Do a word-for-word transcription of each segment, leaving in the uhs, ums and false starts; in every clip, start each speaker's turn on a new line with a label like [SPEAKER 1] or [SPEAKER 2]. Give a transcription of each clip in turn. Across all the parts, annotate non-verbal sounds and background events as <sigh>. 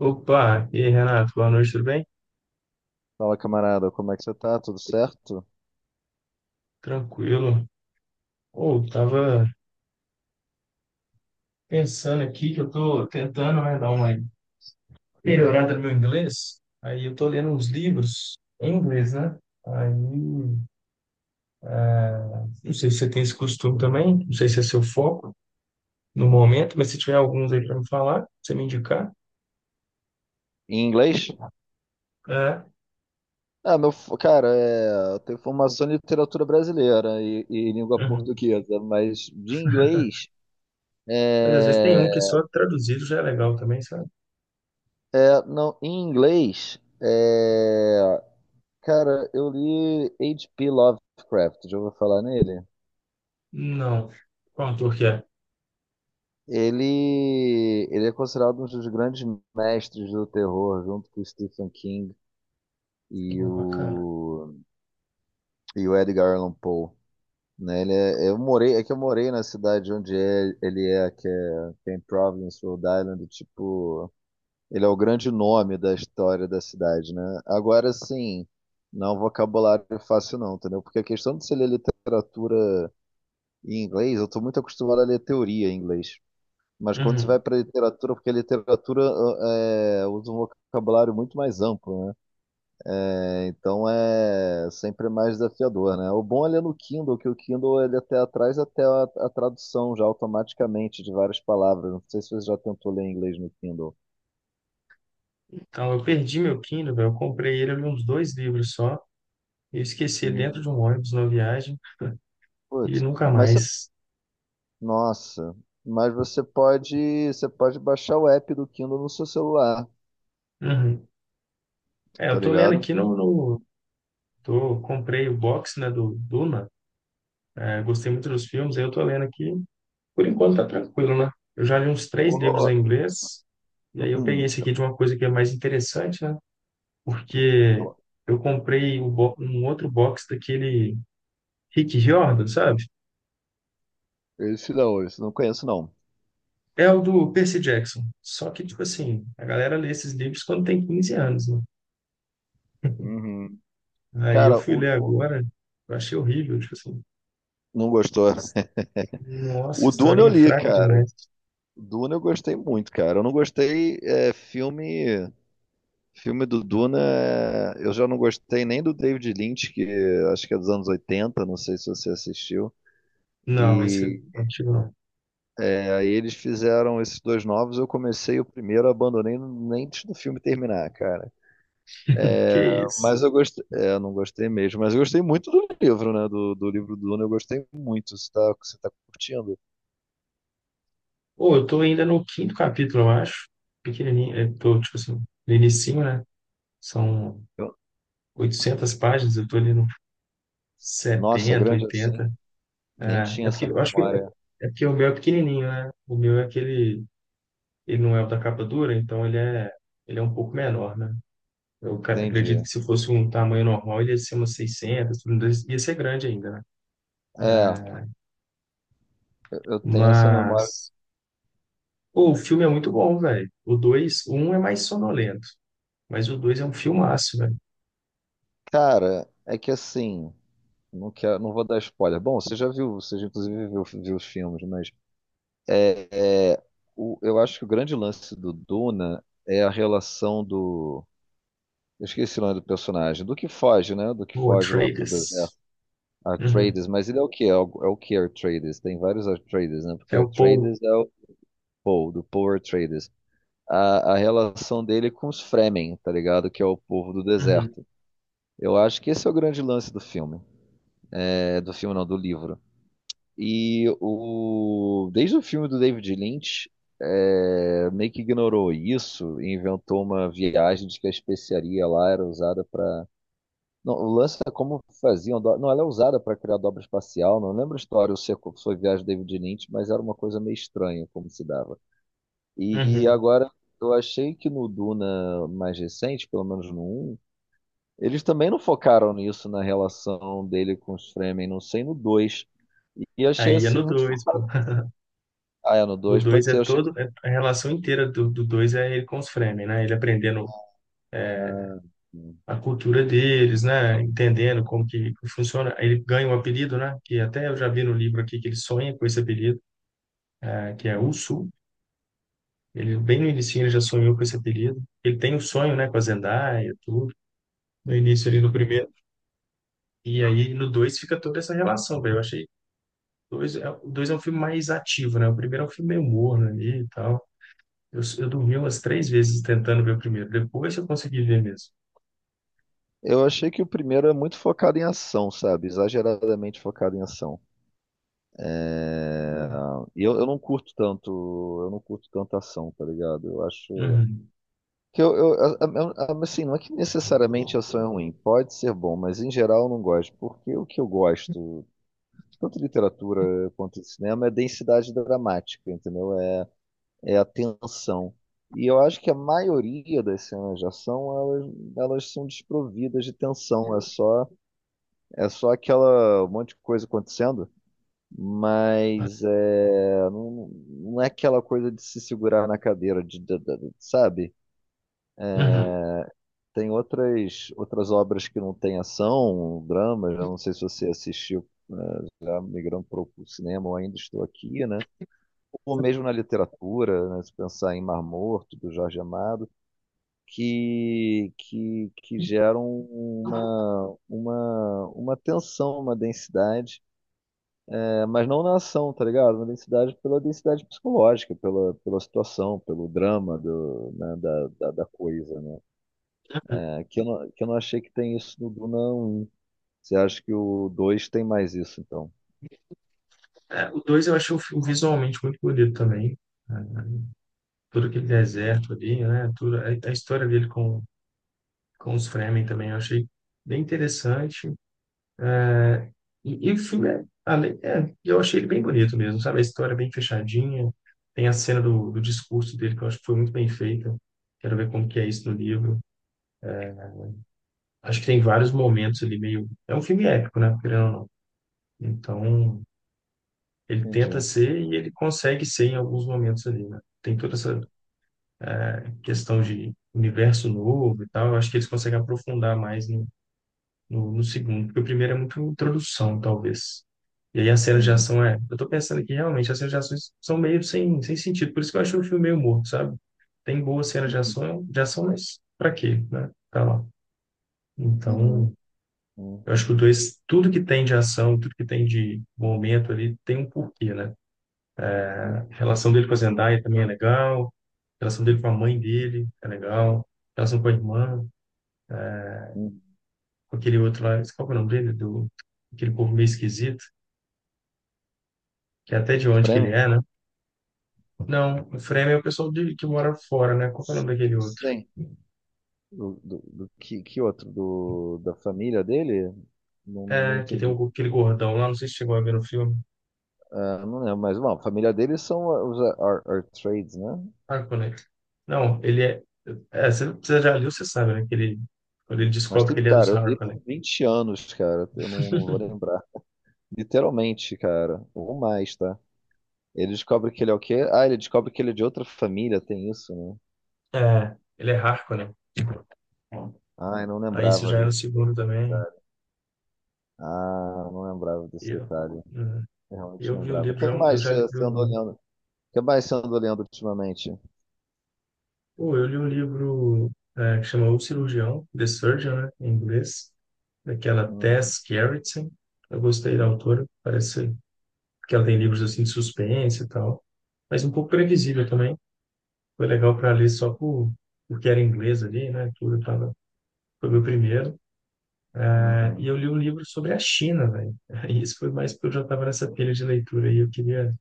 [SPEAKER 1] Opa, e aí, Renato, boa noite, tudo bem?
[SPEAKER 2] Fala, camarada, como é que você tá? Tudo certo?
[SPEAKER 1] Tranquilo. Ou tava pensando aqui que eu tô tentando, né, dar uma melhorada no meu inglês. Aí eu tô lendo uns livros em inglês, né? Aí, não sei se você tem esse costume também, não sei se é seu foco no momento, mas se tiver alguns aí para me falar, pra você me indicar.
[SPEAKER 2] Em inglês?
[SPEAKER 1] É.
[SPEAKER 2] Ah, meu, f- cara, é, eu tenho formação em literatura brasileira e, e língua
[SPEAKER 1] Uhum.
[SPEAKER 2] portuguesa, mas de inglês,
[SPEAKER 1] Mas às vezes tem
[SPEAKER 2] é,
[SPEAKER 1] um que só traduzido já é legal também, sabe?
[SPEAKER 2] é, não, em inglês, é, cara, eu li agá pê. Lovecraft, já ouviu falar nele?
[SPEAKER 1] Não. Qual autor que é?
[SPEAKER 2] Ele, ele é considerado um dos grandes mestres do terror, junto com o Stephen King e
[SPEAKER 1] Oh, bacana.
[SPEAKER 2] o, e o Edgar Allan Poe, né? Ele é, eu morei, é que eu morei na cidade onde é, ele é, que é, tem Providence, Rhode Island, e, tipo, ele é o grande nome da história da cidade, né? Agora, sim, não é um vocabulário fácil não, entendeu? Porque a questão de se ler literatura em inglês, eu tô muito acostumado a ler teoria em inglês. Mas quando você vai
[SPEAKER 1] Uhum.
[SPEAKER 2] para literatura, porque a literatura ah, é, usa um vocabulário muito mais amplo, né? É, então é sempre mais desafiador, né? O bom ele é no Kindle, que o Kindle ele é até traz até a, a tradução já automaticamente de várias palavras. Não sei se você já tentou ler em inglês no Kindle.
[SPEAKER 1] Então, eu perdi meu Kindle, velho. Eu comprei ele, eu li uns dois livros só. Eu esqueci ele
[SPEAKER 2] Hum.
[SPEAKER 1] dentro de um ônibus na viagem e
[SPEAKER 2] Putz,
[SPEAKER 1] nunca
[SPEAKER 2] mas você,
[SPEAKER 1] mais.
[SPEAKER 2] nossa, mas você pode, você pode baixar o app do Kindle no seu celular,
[SPEAKER 1] Uhum. É,
[SPEAKER 2] tá
[SPEAKER 1] eu tô lendo
[SPEAKER 2] ligado?
[SPEAKER 1] aqui no, no- tô, comprei o box, né, do Duna. É, gostei muito dos filmes, aí eu tô lendo aqui. Por enquanto tá tranquilo, né? Eu já li uns três livros
[SPEAKER 2] Pô.
[SPEAKER 1] em inglês. E aí eu peguei esse
[SPEAKER 2] <clears throat>
[SPEAKER 1] aqui de uma coisa que é mais interessante, né? Porque eu comprei o bo- um outro box daquele Rick Riordan, sabe?
[SPEAKER 2] esse não, esse não conheço não.
[SPEAKER 1] É o do Percy Jackson. Só que, tipo assim, a galera lê esses livros quando tem quinze anos, né?
[SPEAKER 2] Uhum.
[SPEAKER 1] Aí eu
[SPEAKER 2] Cara,
[SPEAKER 1] fui
[SPEAKER 2] o
[SPEAKER 1] ler
[SPEAKER 2] Du-
[SPEAKER 1] agora, eu achei horrível, tipo assim,
[SPEAKER 2] não gostou. <laughs>
[SPEAKER 1] nossa,
[SPEAKER 2] O Duna eu
[SPEAKER 1] historinha
[SPEAKER 2] li,
[SPEAKER 1] fraca
[SPEAKER 2] cara.
[SPEAKER 1] demais.
[SPEAKER 2] Duna eu gostei muito, cara. Eu não gostei é, filme filme do Duna. é, Eu já não gostei nem do David Lynch, que acho que é dos anos oitenta, não sei se você assistiu.
[SPEAKER 1] Não, esse
[SPEAKER 2] E
[SPEAKER 1] não tive não.
[SPEAKER 2] é, aí eles fizeram esses dois novos. Eu comecei o primeiro, abandonei nem antes do filme terminar, cara.
[SPEAKER 1] <laughs> Que isso.
[SPEAKER 2] Mas eu gostei, é, eu não gostei mesmo. Mas eu gostei muito do livro, né? Do, do livro do Duna, eu gostei muito. Você tá, você tá curtindo?
[SPEAKER 1] Pô, eu tô ainda no quinto capítulo, eu acho. Pequenininho, eu tô, tipo assim, no inicinho, né? São
[SPEAKER 2] Eu-
[SPEAKER 1] oitocentas páginas, eu tô ali no
[SPEAKER 2] Nossa,
[SPEAKER 1] setenta,
[SPEAKER 2] grande assim.
[SPEAKER 1] oitenta.
[SPEAKER 2] Nem
[SPEAKER 1] É,
[SPEAKER 2] tinha
[SPEAKER 1] é porque
[SPEAKER 2] essa
[SPEAKER 1] eu acho que
[SPEAKER 2] memória.
[SPEAKER 1] é porque o meu é pequenininho, né? O meu é aquele. Ele não é o da capa dura, então ele é, ele é um pouco menor, né? Eu ca- acredito que
[SPEAKER 2] Entendi.
[SPEAKER 1] se fosse um tamanho normal, ele ia ser umas seiscentas, tudo mais, ia ser grande ainda, né?
[SPEAKER 2] É,
[SPEAKER 1] É,
[SPEAKER 2] eu eu tenho essa memória.
[SPEAKER 1] mas, pô, o filme é muito bom, velho. O dois o um é mais sonolento, mas o dois é um filmaço, velho.
[SPEAKER 2] Cara, é que assim, não quero, não vou dar spoiler. Bom, você já viu, você já inclusive viu, viu os filmes, mas é, é, o- eu acho que o grande lance do Duna é a relação do. Eu esqueci o nome do personagem, do que foge, né? Do que
[SPEAKER 1] O
[SPEAKER 2] foge lá pro deserto.
[SPEAKER 1] Atreides. Uhum.
[SPEAKER 2] Atreides, mas ele é o quê? É o, é o que Atreides? Tem vários Atreides, né? Porque
[SPEAKER 1] É o Paul.
[SPEAKER 2] Atreides é o Paul, do Paul Atreides. A, a relação dele com os Fremen, tá ligado? Que é o povo do
[SPEAKER 1] Uhum.
[SPEAKER 2] deserto. Eu acho que esse é o grande lance do filme. É, do filme não, do livro. E o, desde o filme do David Lynch, é, meio que ignorou isso e inventou uma viagem de que a especiaria lá era usada para. Não, o lance é como faziam. do- Não, ela é usada para criar dobra espacial. Não lembro a história se foi a viagem do David Lynch, mas era uma coisa meio estranha como se dava. E
[SPEAKER 1] Uhum.
[SPEAKER 2] agora, eu achei que no Duna mais recente, pelo menos no um, eles também não focaram nisso na relação dele com os Fremen, não sei, no dois. E achei
[SPEAKER 1] Aí é
[SPEAKER 2] assim
[SPEAKER 1] no
[SPEAKER 2] muito...
[SPEAKER 1] dois pô. <laughs>
[SPEAKER 2] Ah, é no
[SPEAKER 1] O
[SPEAKER 2] dois
[SPEAKER 1] dois
[SPEAKER 2] pode
[SPEAKER 1] é
[SPEAKER 2] ser. Eu achei...
[SPEAKER 1] todo, é- a relação inteira do do dois é ele com os Fremen, né? Ele aprendendo
[SPEAKER 2] Ah, sim,
[SPEAKER 1] a cultura deles, né? Entendendo como que funciona. Aí ele ganha um apelido, né? Que até eu já vi no livro aqui que ele sonha com esse apelido, eh, que é
[SPEAKER 2] sim.
[SPEAKER 1] Usu. Ele bem no início ele já sonhou com esse apelido. Ele tem um sonho, né, com a Zendaya, tudo. No início ali no primeiro. E aí no dois fica toda essa relação, velho. Eu achei dois, é- o dois é um filme mais ativo, né? O primeiro é um filme meio morno ali e tal. Eu, eu dormi umas três vezes tentando ver o primeiro. Depois eu consegui ver mesmo.
[SPEAKER 2] Eu achei que o primeiro é muito focado em ação, sabe? Exageradamente focado em ação. É...
[SPEAKER 1] É.
[SPEAKER 2] E eu, eu não curto tanto, eu não curto tanto ação, tá ligado? Eu acho
[SPEAKER 1] Uhum.
[SPEAKER 2] que eu, eu- a- a- a- assim, não é que necessariamente ação é ruim, pode ser bom, mas em geral eu não gosto, porque o que eu gosto, tanto de literatura quanto de cinema, é densidade dramática, entendeu? É, é a tensão. E eu acho que a maioria das cenas de ação, elas, elas são desprovidas de tensão. É só, é só aquela um monte de coisa acontecendo, mas é, não, não é aquela coisa de se segurar na cadeira, de, de- de- sabe?
[SPEAKER 1] Uhum.
[SPEAKER 2] Tem outras, outras obras que não têm ação, dramas, eu não sei se você assistiu, né, já migrando para o cinema, ou ainda estou aqui, né? Ou mesmo na literatura, né, se pensar em Mar Morto, do Jorge Amado, que, que, que geram uma, uma, uma tensão, uma densidade, é, mas não na ação, tá ligado? Uma densidade pela densidade psicológica, pela, pela situação, pelo drama do, né, da, da, da coisa, né? É, que eu não, que eu não achei que tem isso no Duna um. Você acha que o dois tem mais isso, então?
[SPEAKER 1] É, o dois eu achei o filme visualmente muito bonito também, né? Todo aquele deserto ali, né? Tudo, a, a história dele com, com os Fremen também eu achei bem interessante. É, e, e o filme, é, além- é, eu achei ele bem bonito mesmo, sabe? A história é bem fechadinha. Tem a cena do, do discurso dele que eu acho que foi muito bem feita. Quero ver como que é isso no livro. Acho que tem vários momentos ali meio. É um filme épico, né? Querendo ou não. Então, ele tenta
[SPEAKER 2] Entendi.
[SPEAKER 1] ser e ele consegue ser em alguns momentos ali, né? Tem toda essa questão de universo novo e tal, eu acho que eles conseguem aprofundar mais no, no, no segundo, porque o primeiro é muito introdução, talvez. E aí as cenas de
[SPEAKER 2] Uhum.
[SPEAKER 1] ação é. Eu tô pensando que realmente as cenas de ação são meio sem, sem sentido, por isso que eu achei o filme meio morto, sabe? Tem boas cenas de
[SPEAKER 2] Uhum.
[SPEAKER 1] ação, de ação, mas pra quê, né? Tá lá.
[SPEAKER 2] Uhum.
[SPEAKER 1] Então,
[SPEAKER 2] Uhum.
[SPEAKER 1] eu acho que o dois, tudo que tem de ação, tudo que tem de momento ali, tem um porquê, né? A relação dele com a Zendaya também é legal, a relação dele com a mãe dele é legal, a relação com a irmã,
[SPEAKER 2] Uhum.
[SPEAKER 1] com aquele outro lá, qual que é o nome dele? Do, aquele povo meio esquisito, que é até de onde que ele
[SPEAKER 2] Fremen?
[SPEAKER 1] é, né? Não, o Frame é o pessoal de, que mora fora, né? Qual que é o nome daquele outro?
[SPEAKER 2] Sim. Do, do, do- que, que outro? Do, da família dele? Não, não, não
[SPEAKER 1] É, que tem
[SPEAKER 2] entendi.
[SPEAKER 1] um, aquele
[SPEAKER 2] Então,
[SPEAKER 1] gordão lá, não sei se chegou a ver no filme.
[SPEAKER 2] ah, não lembro, mas bom, a família deles são os Ar- Ar- Artrades, né?
[SPEAKER 1] Ah, conecta. Não, ele é. é, você, você já leu, você sabe, né? Que ele, quando ele
[SPEAKER 2] Mas
[SPEAKER 1] descobre que
[SPEAKER 2] tem,
[SPEAKER 1] ele é dos
[SPEAKER 2] cara, eu li
[SPEAKER 1] Harkonnen.
[SPEAKER 2] tem vinte anos, cara. Eu não, não vou
[SPEAKER 1] <laughs>
[SPEAKER 2] lembrar. Literalmente, cara. Ou mais, tá? Ele descobre que ele é o quê? Ah, ele descobre que ele é de outra família, tem isso, né?
[SPEAKER 1] É, ele é Harkonnen.
[SPEAKER 2] Ah, eu não
[SPEAKER 1] Aí isso
[SPEAKER 2] lembrava
[SPEAKER 1] já é no
[SPEAKER 2] desse.
[SPEAKER 1] segundo também.
[SPEAKER 2] Ah, eu não lembrava
[SPEAKER 1] E
[SPEAKER 2] desse detalhe.
[SPEAKER 1] Eu, é,
[SPEAKER 2] Realmente
[SPEAKER 1] eu vi o
[SPEAKER 2] lembrava. O
[SPEAKER 1] livro,
[SPEAKER 2] que
[SPEAKER 1] já, eu
[SPEAKER 2] mais
[SPEAKER 1] já
[SPEAKER 2] você
[SPEAKER 1] li,
[SPEAKER 2] você
[SPEAKER 1] eu.
[SPEAKER 2] andou lendo? O que mais você andou lendo ultimamente?
[SPEAKER 1] Pô, eu li um livro é, que chama O Cirurgião, The Surgeon, né, em inglês, daquela
[SPEAKER 2] Uhum,
[SPEAKER 1] Tess Gerritsen. Eu gostei da autora, parece que ela tem livros assim de suspense e tal, mas um pouco previsível também. Foi legal para ler só por, porque era inglês ali, né? Tudo tava, foi meu primeiro. É, e
[SPEAKER 2] uhum,
[SPEAKER 1] eu li um livro sobre a China, velho. Aí isso foi mais porque eu já estava nessa pilha de leitura e eu queria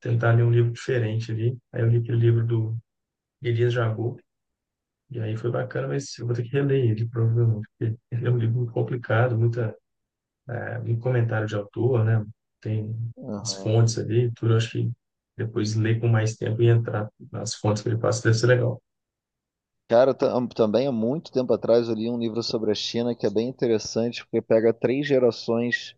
[SPEAKER 1] tentar ler um livro diferente ali. Aí eu li aquele livro do Elias Jabbour, e aí foi bacana, mas eu vou ter que reler ele, provavelmente, porque ele é um livro muito complicado, muita, é, muito comentário de autor, né? Tem as
[SPEAKER 2] uhum.
[SPEAKER 1] fontes ali, e tudo. Eu acho que depois ler com mais tempo e entrar nas fontes que ele passa deve ser legal.
[SPEAKER 2] Cara, tam- também há muito tempo atrás eu li um livro sobre a China que é bem interessante, porque pega três gerações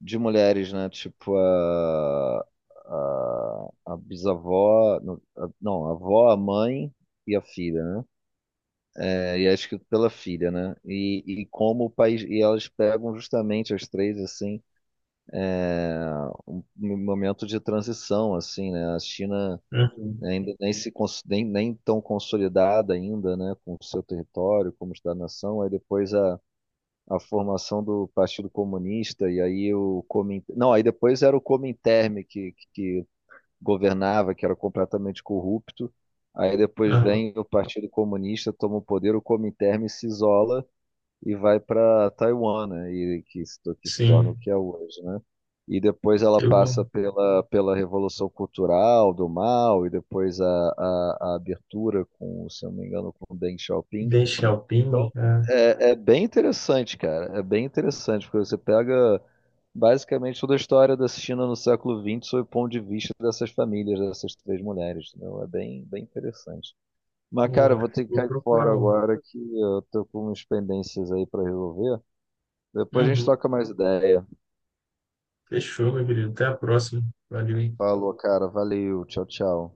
[SPEAKER 2] de mulheres, né? Tipo, a, a, a bisavó, não, a não, a avó, a mãe e a filha, né? É, e é escrito pela filha, né? E, e como o país. E elas pegam justamente as três, assim, um um momento de transição, assim, né? A China.
[SPEAKER 1] Uhum.
[SPEAKER 2] Ainda nem, se, cons- nem, nem tão consolidada ainda, né, com o seu território, como Estado nação, aí depois a, a formação do Partido Comunista, e aí o Comintern, não, aí depois era o Comintern que, que governava, que era completamente corrupto, aí depois
[SPEAKER 1] Ah,
[SPEAKER 2] vem o Partido Comunista, toma o poder, o Comintern se isola, e vai para Taiwan, né? E que se, to- que se torna o
[SPEAKER 1] sim.
[SPEAKER 2] que é hoje, né? E depois ela
[SPEAKER 1] Eu
[SPEAKER 2] passa pela, pela Revolução Cultural do Mao e depois a, a, a abertura com, se eu não me engano, com Deng Xiaoping.
[SPEAKER 1] deixei o ping,
[SPEAKER 2] Então,
[SPEAKER 1] ah,
[SPEAKER 2] é, é bem interessante, cara. É bem interessante, porque você pega basicamente toda a história da China no século vinte sob o ponto de vista dessas famílias, dessas três mulheres, entendeu? É bem, bem interessante. Mas, cara,
[SPEAKER 1] vou
[SPEAKER 2] eu vou ter que
[SPEAKER 1] vou
[SPEAKER 2] cair
[SPEAKER 1] procurar
[SPEAKER 2] fora
[SPEAKER 1] um.
[SPEAKER 2] agora que eu tô com umas pendências aí para resolver. Depois a gente
[SPEAKER 1] Uhum.
[SPEAKER 2] troca mais ideia.
[SPEAKER 1] Fechou, meu querido. Até a próxima. Valeu.
[SPEAKER 2] Falou, cara. Valeu. Tchau, tchau.